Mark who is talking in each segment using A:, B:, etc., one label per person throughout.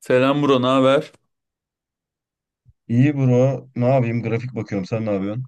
A: Selam bro, ne haber?
B: İyi bro. Ne yapayım? Grafik bakıyorum. Sen ne yapıyorsun?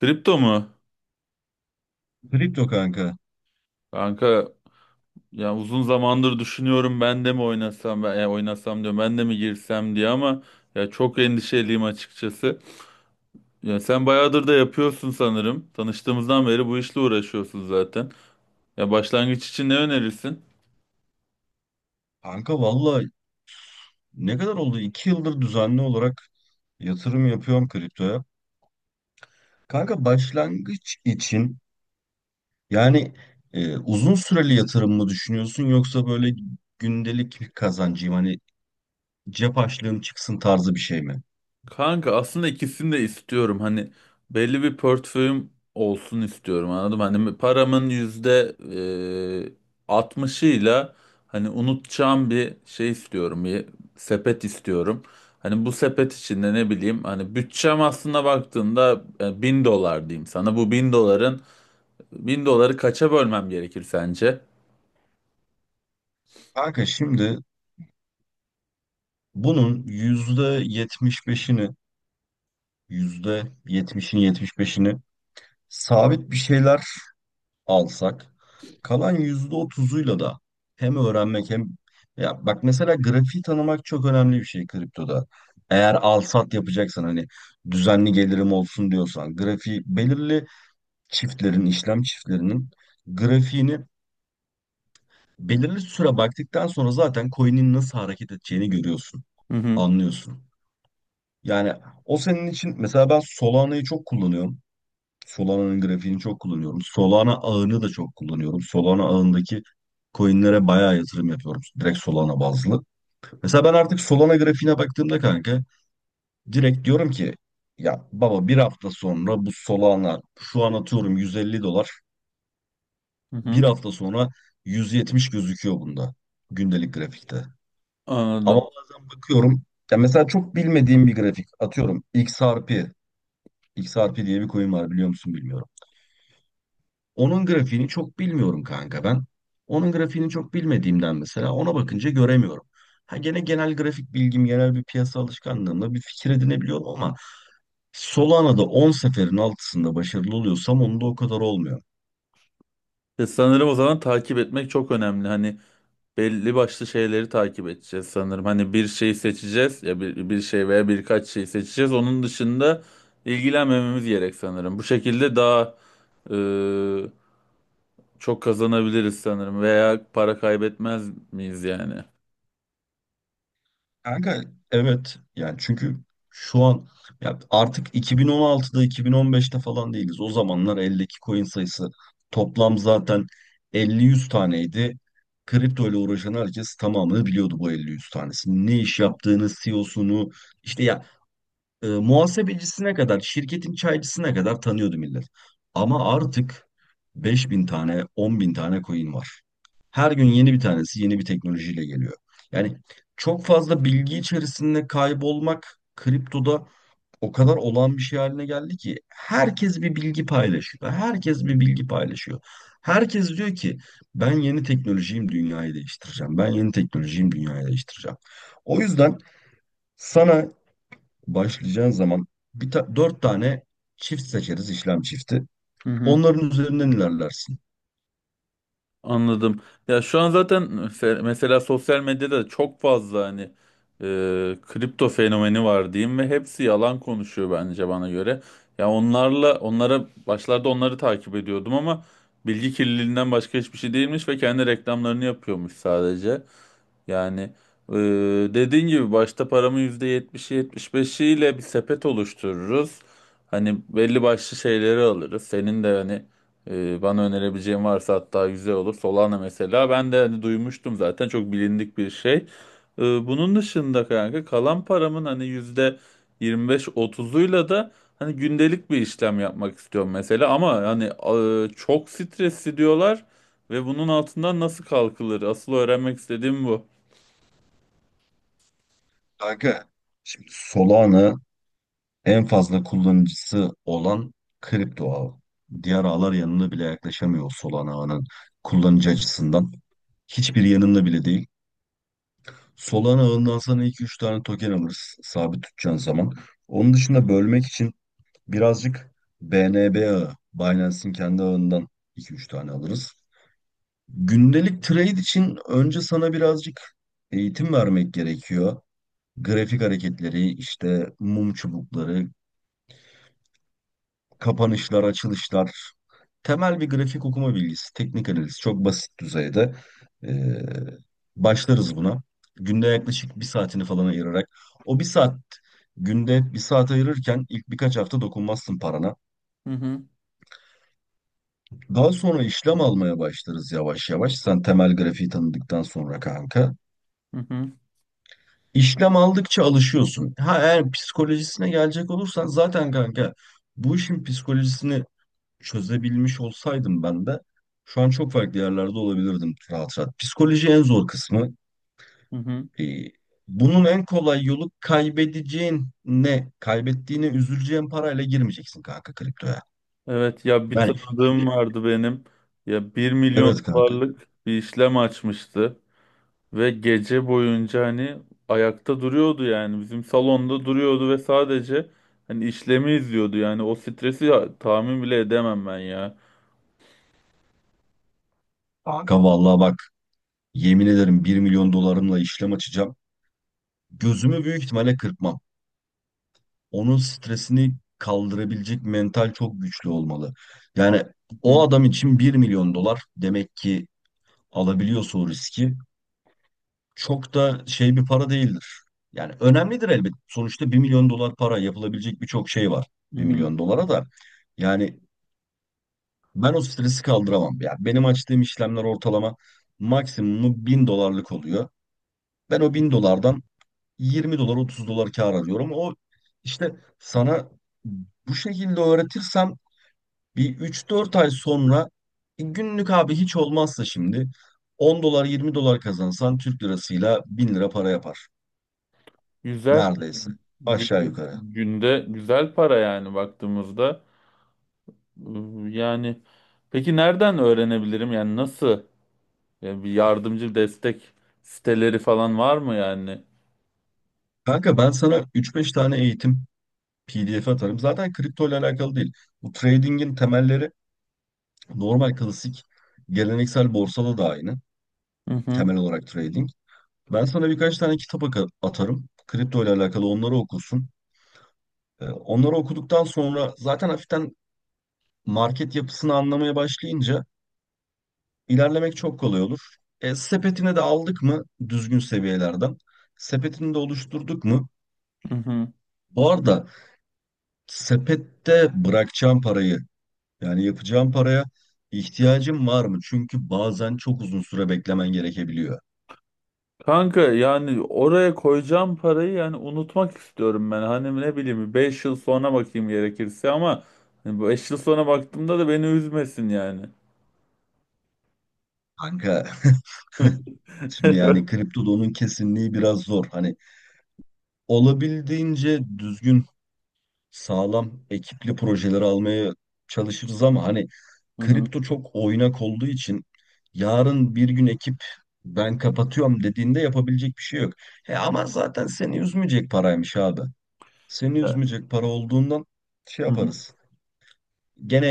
A: Kripto mu?
B: Kripto kanka.
A: Kanka, ya uzun zamandır düşünüyorum, ben de mi oynasam, ben ya oynasam diyorum, ben de mi girsem diye, ama ya çok endişeliyim açıkçası. Ya sen bayağıdır da yapıyorsun sanırım. Tanıştığımızdan beri bu işle uğraşıyorsun zaten. Ya başlangıç için ne önerirsin?
B: Kanka valla ne kadar oldu? 2 yıldır düzenli olarak yatırım yapıyorum kriptoya. Kanka başlangıç için yani uzun süreli yatırım mı düşünüyorsun yoksa böyle gündelik bir kazancıyım hani cep açlığım çıksın tarzı bir şey mi?
A: Kanka, aslında ikisini de istiyorum. Hani belli bir portföyüm olsun istiyorum, anladım. Hani paramın %60'ıyla, hani unutacağım bir şey istiyorum. Bir sepet istiyorum. Hani bu sepet içinde, ne bileyim, hani bütçem aslında baktığında, 1.000 dolar diyeyim sana. Bu bin doları kaça bölmem gerekir sence?
B: Kanka şimdi bunun yüzde yetmiş beşini yüzde yetmişini yetmiş beşini sabit bir şeyler alsak kalan %30'uyla da hem öğrenmek hem ya bak mesela grafiği tanımak çok önemli bir şey kriptoda. Eğer al sat yapacaksan hani düzenli gelirim olsun diyorsan grafiği belirli çiftlerin işlem çiftlerinin grafiğini belirli süre baktıktan sonra zaten coin'in nasıl hareket edeceğini görüyorsun,
A: Hı hı.
B: anlıyorsun. Yani o senin için mesela ben Solana'yı çok kullanıyorum. Solana'nın grafiğini çok kullanıyorum. Solana ağını da çok kullanıyorum. Solana ağındaki coinlere bayağı yatırım yapıyorum. Direkt Solana bazlı. Mesela ben artık Solana grafiğine baktığımda kanka direkt diyorum ki ya baba bir hafta sonra bu Solana şu an atıyorum 150 dolar.
A: Hı
B: Bir
A: hı.
B: hafta sonra 170 gözüküyor bunda gündelik grafikte. Ama
A: Anladım.
B: bazen bakıyorum ya mesela çok bilmediğim bir grafik atıyorum XRP. XRP diye bir coin var biliyor musun bilmiyorum. Onun grafiğini çok bilmiyorum kanka ben. Onun grafiğini çok bilmediğimden mesela ona bakınca göremiyorum. Ha gene genel grafik bilgim, genel bir piyasa alışkanlığımla bir fikir edinebiliyorum ama Solana'da 10 seferin altısında başarılı oluyorsam onda o kadar olmuyor.
A: Ya sanırım o zaman takip etmek çok önemli. Hani belli başlı şeyleri takip edeceğiz sanırım. Hani bir şey seçeceğiz, ya bir şey veya birkaç şey seçeceğiz. Onun dışında ilgilenmememiz gerek sanırım. Bu şekilde daha e, çok kazanabiliriz sanırım, veya para kaybetmez miyiz yani?
B: Kanka evet yani çünkü şu an ya artık 2016'da 2015'te falan değiliz. O zamanlar eldeki coin sayısı toplam zaten elli yüz taneydi. Kripto ile uğraşan herkes tamamını biliyordu bu elli yüz tanesini. Ne iş yaptığını, CEO'sunu işte ya muhasebecisine kadar, şirketin çaycısına kadar tanıyordu millet. Ama artık 5 bin tane, 10 bin tane coin var. Her gün yeni bir tanesi yeni bir teknolojiyle geliyor. Yani çok fazla bilgi içerisinde kaybolmak kriptoda o kadar olağan bir şey haline geldi ki herkes bir bilgi paylaşıyor. Herkes bir bilgi paylaşıyor. Herkes diyor ki ben yeni teknolojiyim dünyayı değiştireceğim. Ben yeni teknolojiyim dünyayı değiştireceğim. O yüzden sana başlayacağın zaman dört tane çift seçeriz işlem çifti.
A: Hı hı.
B: Onların üzerinden ilerlersin.
A: Anladım. Ya şu an zaten mesela sosyal medyada çok fazla, hani kripto fenomeni var diyeyim ve hepsi yalan konuşuyor bence, bana göre. Ya onlara başlarda onları takip ediyordum, ama bilgi kirliliğinden başka hiçbir şey değilmiş ve kendi reklamlarını yapıyormuş sadece. Yani e, dediğin gibi başta paramı yetmiş beşiyle bir sepet oluştururuz. Hani belli başlı şeyleri alırız. Senin de hani bana önerebileceğin varsa hatta güzel olur. Solana mesela, ben de hani duymuştum zaten, çok bilindik bir şey. Bunun dışında kanka, kalan paramın hani yüzde yirmi beş otuzuyla da hani gündelik bir işlem yapmak istiyorum mesela. Ama hani çok stresli diyorlar. Ve bunun altından nasıl kalkılır? Asıl öğrenmek istediğim bu.
B: Kanka şimdi Solana en fazla kullanıcısı olan kripto ağı. Diğer ağlar yanına bile yaklaşamıyor Solana ağının kullanıcı açısından. Hiçbir yanında bile değil. Solana ağından sana 2-3 tane token alırız sabit tutacağın zaman. Onun dışında bölmek için birazcık BNB ağı, Binance'in kendi ağından iki üç tane alırız. Gündelik trade için önce sana birazcık eğitim vermek gerekiyor.
A: Hı
B: Grafik hareketleri, işte mum çubukları, kapanışlar, açılışlar. Temel bir grafik okuma bilgisi, teknik analiz çok basit düzeyde. Ee, Başlarız buna. Günde yaklaşık bir saatini falan ayırarak. O bir saat, günde bir saat ayırırken ilk birkaç hafta dokunmazsın parana.
A: hı,
B: Daha sonra işlem almaya başlarız yavaş yavaş. Sen temel grafiği tanıdıktan sonra kanka.
A: hı hı,
B: İşlem aldıkça alışıyorsun. Ha eğer psikolojisine gelecek olursan zaten kanka bu işin psikolojisini çözebilmiş olsaydım ben de şu an çok farklı yerlerde olabilirdim rahat rahat. Psikoloji en zor kısmı.
A: hı hı.
B: Ee, Bunun en kolay yolu kaybedeceğin ne? Kaybettiğine üzüleceğin parayla girmeyeceksin kanka kriptoya.
A: Evet, ya bir
B: Yani
A: tanıdığım
B: şimdi
A: vardı benim. Ya bir milyon
B: evet kanka.
A: dolarlık bir işlem açmıştı ve gece boyunca hani ayakta duruyordu, yani bizim salonda duruyordu ve sadece hani işlemi izliyordu, yani o stresi tahmin bile edemem ben ya.
B: Abi kanka vallahi bak yemin ederim 1 milyon dolarımla işlem açacağım. Gözümü büyük ihtimalle kırpmam. Onun stresini kaldırabilecek mental çok güçlü olmalı. Yani
A: Hı
B: o adam için 1 milyon dolar demek ki alabiliyorsa o riski çok da şey bir para değildir. Yani önemlidir elbet. Sonuçta 1 milyon dolar para yapılabilecek birçok şey var.
A: hı.
B: Bir
A: Hı.
B: milyon dolara da. Yani ben o stresi kaldıramam. Yani benim açtığım işlemler ortalama maksimumu 1.000 dolarlık oluyor. Ben o 1.000 dolardan 20 dolar 30 dolar kar alıyorum. O işte sana bu şekilde öğretirsem bir üç dört ay sonra günlük abi hiç olmazsa şimdi 10 dolar 20 dolar kazansan Türk lirasıyla 1.000 lira para yapar.
A: Güzel.
B: Neredeyse.
A: Gün-
B: Aşağı yukarı.
A: Günde güzel para yani baktığımızda. Yani peki nereden öğrenebilirim, yani nasıl? Yani bir yardımcı destek siteleri falan var mı yani?
B: Kanka ben sana üç beş tane eğitim PDF atarım. Zaten kripto ile alakalı değil. Bu trading'in temelleri normal klasik geleneksel borsada da aynı.
A: Hı hı,
B: Temel olarak trading. Ben sana birkaç tane kitap atarım. Kripto ile alakalı onları okursun. Onları okuduktan sonra zaten hafiften market yapısını anlamaya başlayınca İlerlemek çok kolay olur. Sepetine de aldık mı düzgün seviyelerden? Sepetini de oluşturduk mu?
A: hı hı.
B: Bu arada sepette bırakacağım parayı yani yapacağım paraya ihtiyacım var mı? Çünkü bazen çok uzun süre beklemen gerekebiliyor.
A: Kanka, yani oraya koyacağım parayı yani unutmak istiyorum ben. Hani ne bileyim, 5 yıl sonra bakayım gerekirse, ama hani bu 5 yıl sonra baktığımda da beni üzmesin yani.
B: Kanka şimdi yani kriptoda onun kesinliği biraz zor. Hani olabildiğince düzgün sağlam ekipli projeleri almaya çalışırız ama hani
A: Hı hı.
B: kripto çok oynak olduğu için yarın bir gün ekip ben kapatıyorum dediğinde yapabilecek bir şey yok. He ama zaten seni üzmeyecek paraymış abi. Seni üzmeyecek para olduğundan şey
A: Hı hı.
B: yaparız. Gene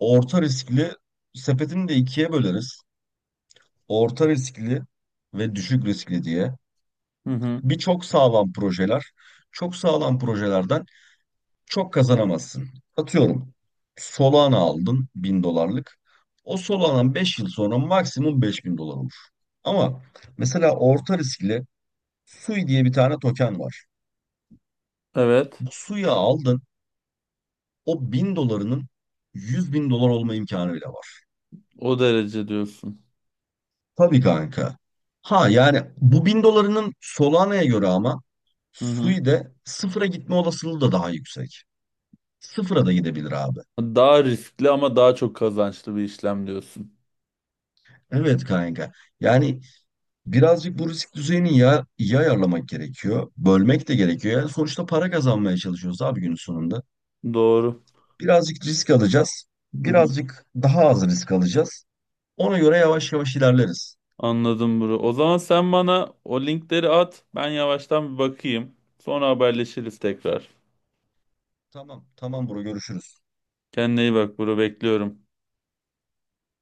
B: orta riskli sepetini de ikiye böleriz. Orta riskli ve düşük riskli diye.
A: Hı hı.
B: Bir çok sağlam projeler. Çok sağlam projelerden çok kazanamazsın. Atıyorum Solana aldın 1.000 dolarlık. O Solana 5 yıl sonra maksimum 5 bin dolar olur. Ama mesela orta riskli Sui diye bir tane token var.
A: Evet.
B: Bu Sui'yi aldın o 1.000 dolarının 100 bin dolar olma imkanı bile var.
A: O derece diyorsun.
B: Tabii kanka. Ha yani bu 1.000 dolarının Solana'ya göre ama
A: Hı hı.
B: Sui'de sıfıra gitme olasılığı da daha yüksek. Sıfıra da gidebilir abi.
A: Daha riskli ama daha çok kazançlı bir işlem diyorsun.
B: Evet kanka. Yani birazcık bu risk düzeyini ya, iyi ayarlamak gerekiyor. Bölmek de gerekiyor. Yani sonuçta para kazanmaya çalışıyoruz abi günün sonunda.
A: Doğru.
B: Birazcık risk alacağız. Birazcık daha az risk alacağız. Ona göre yavaş yavaş ilerleriz.
A: Anladım bro. O zaman sen bana o linkleri at. Ben yavaştan bir bakayım. Sonra haberleşiriz tekrar.
B: Tamam, tamam bro görüşürüz.
A: Kendine iyi bak bro. Bekliyorum.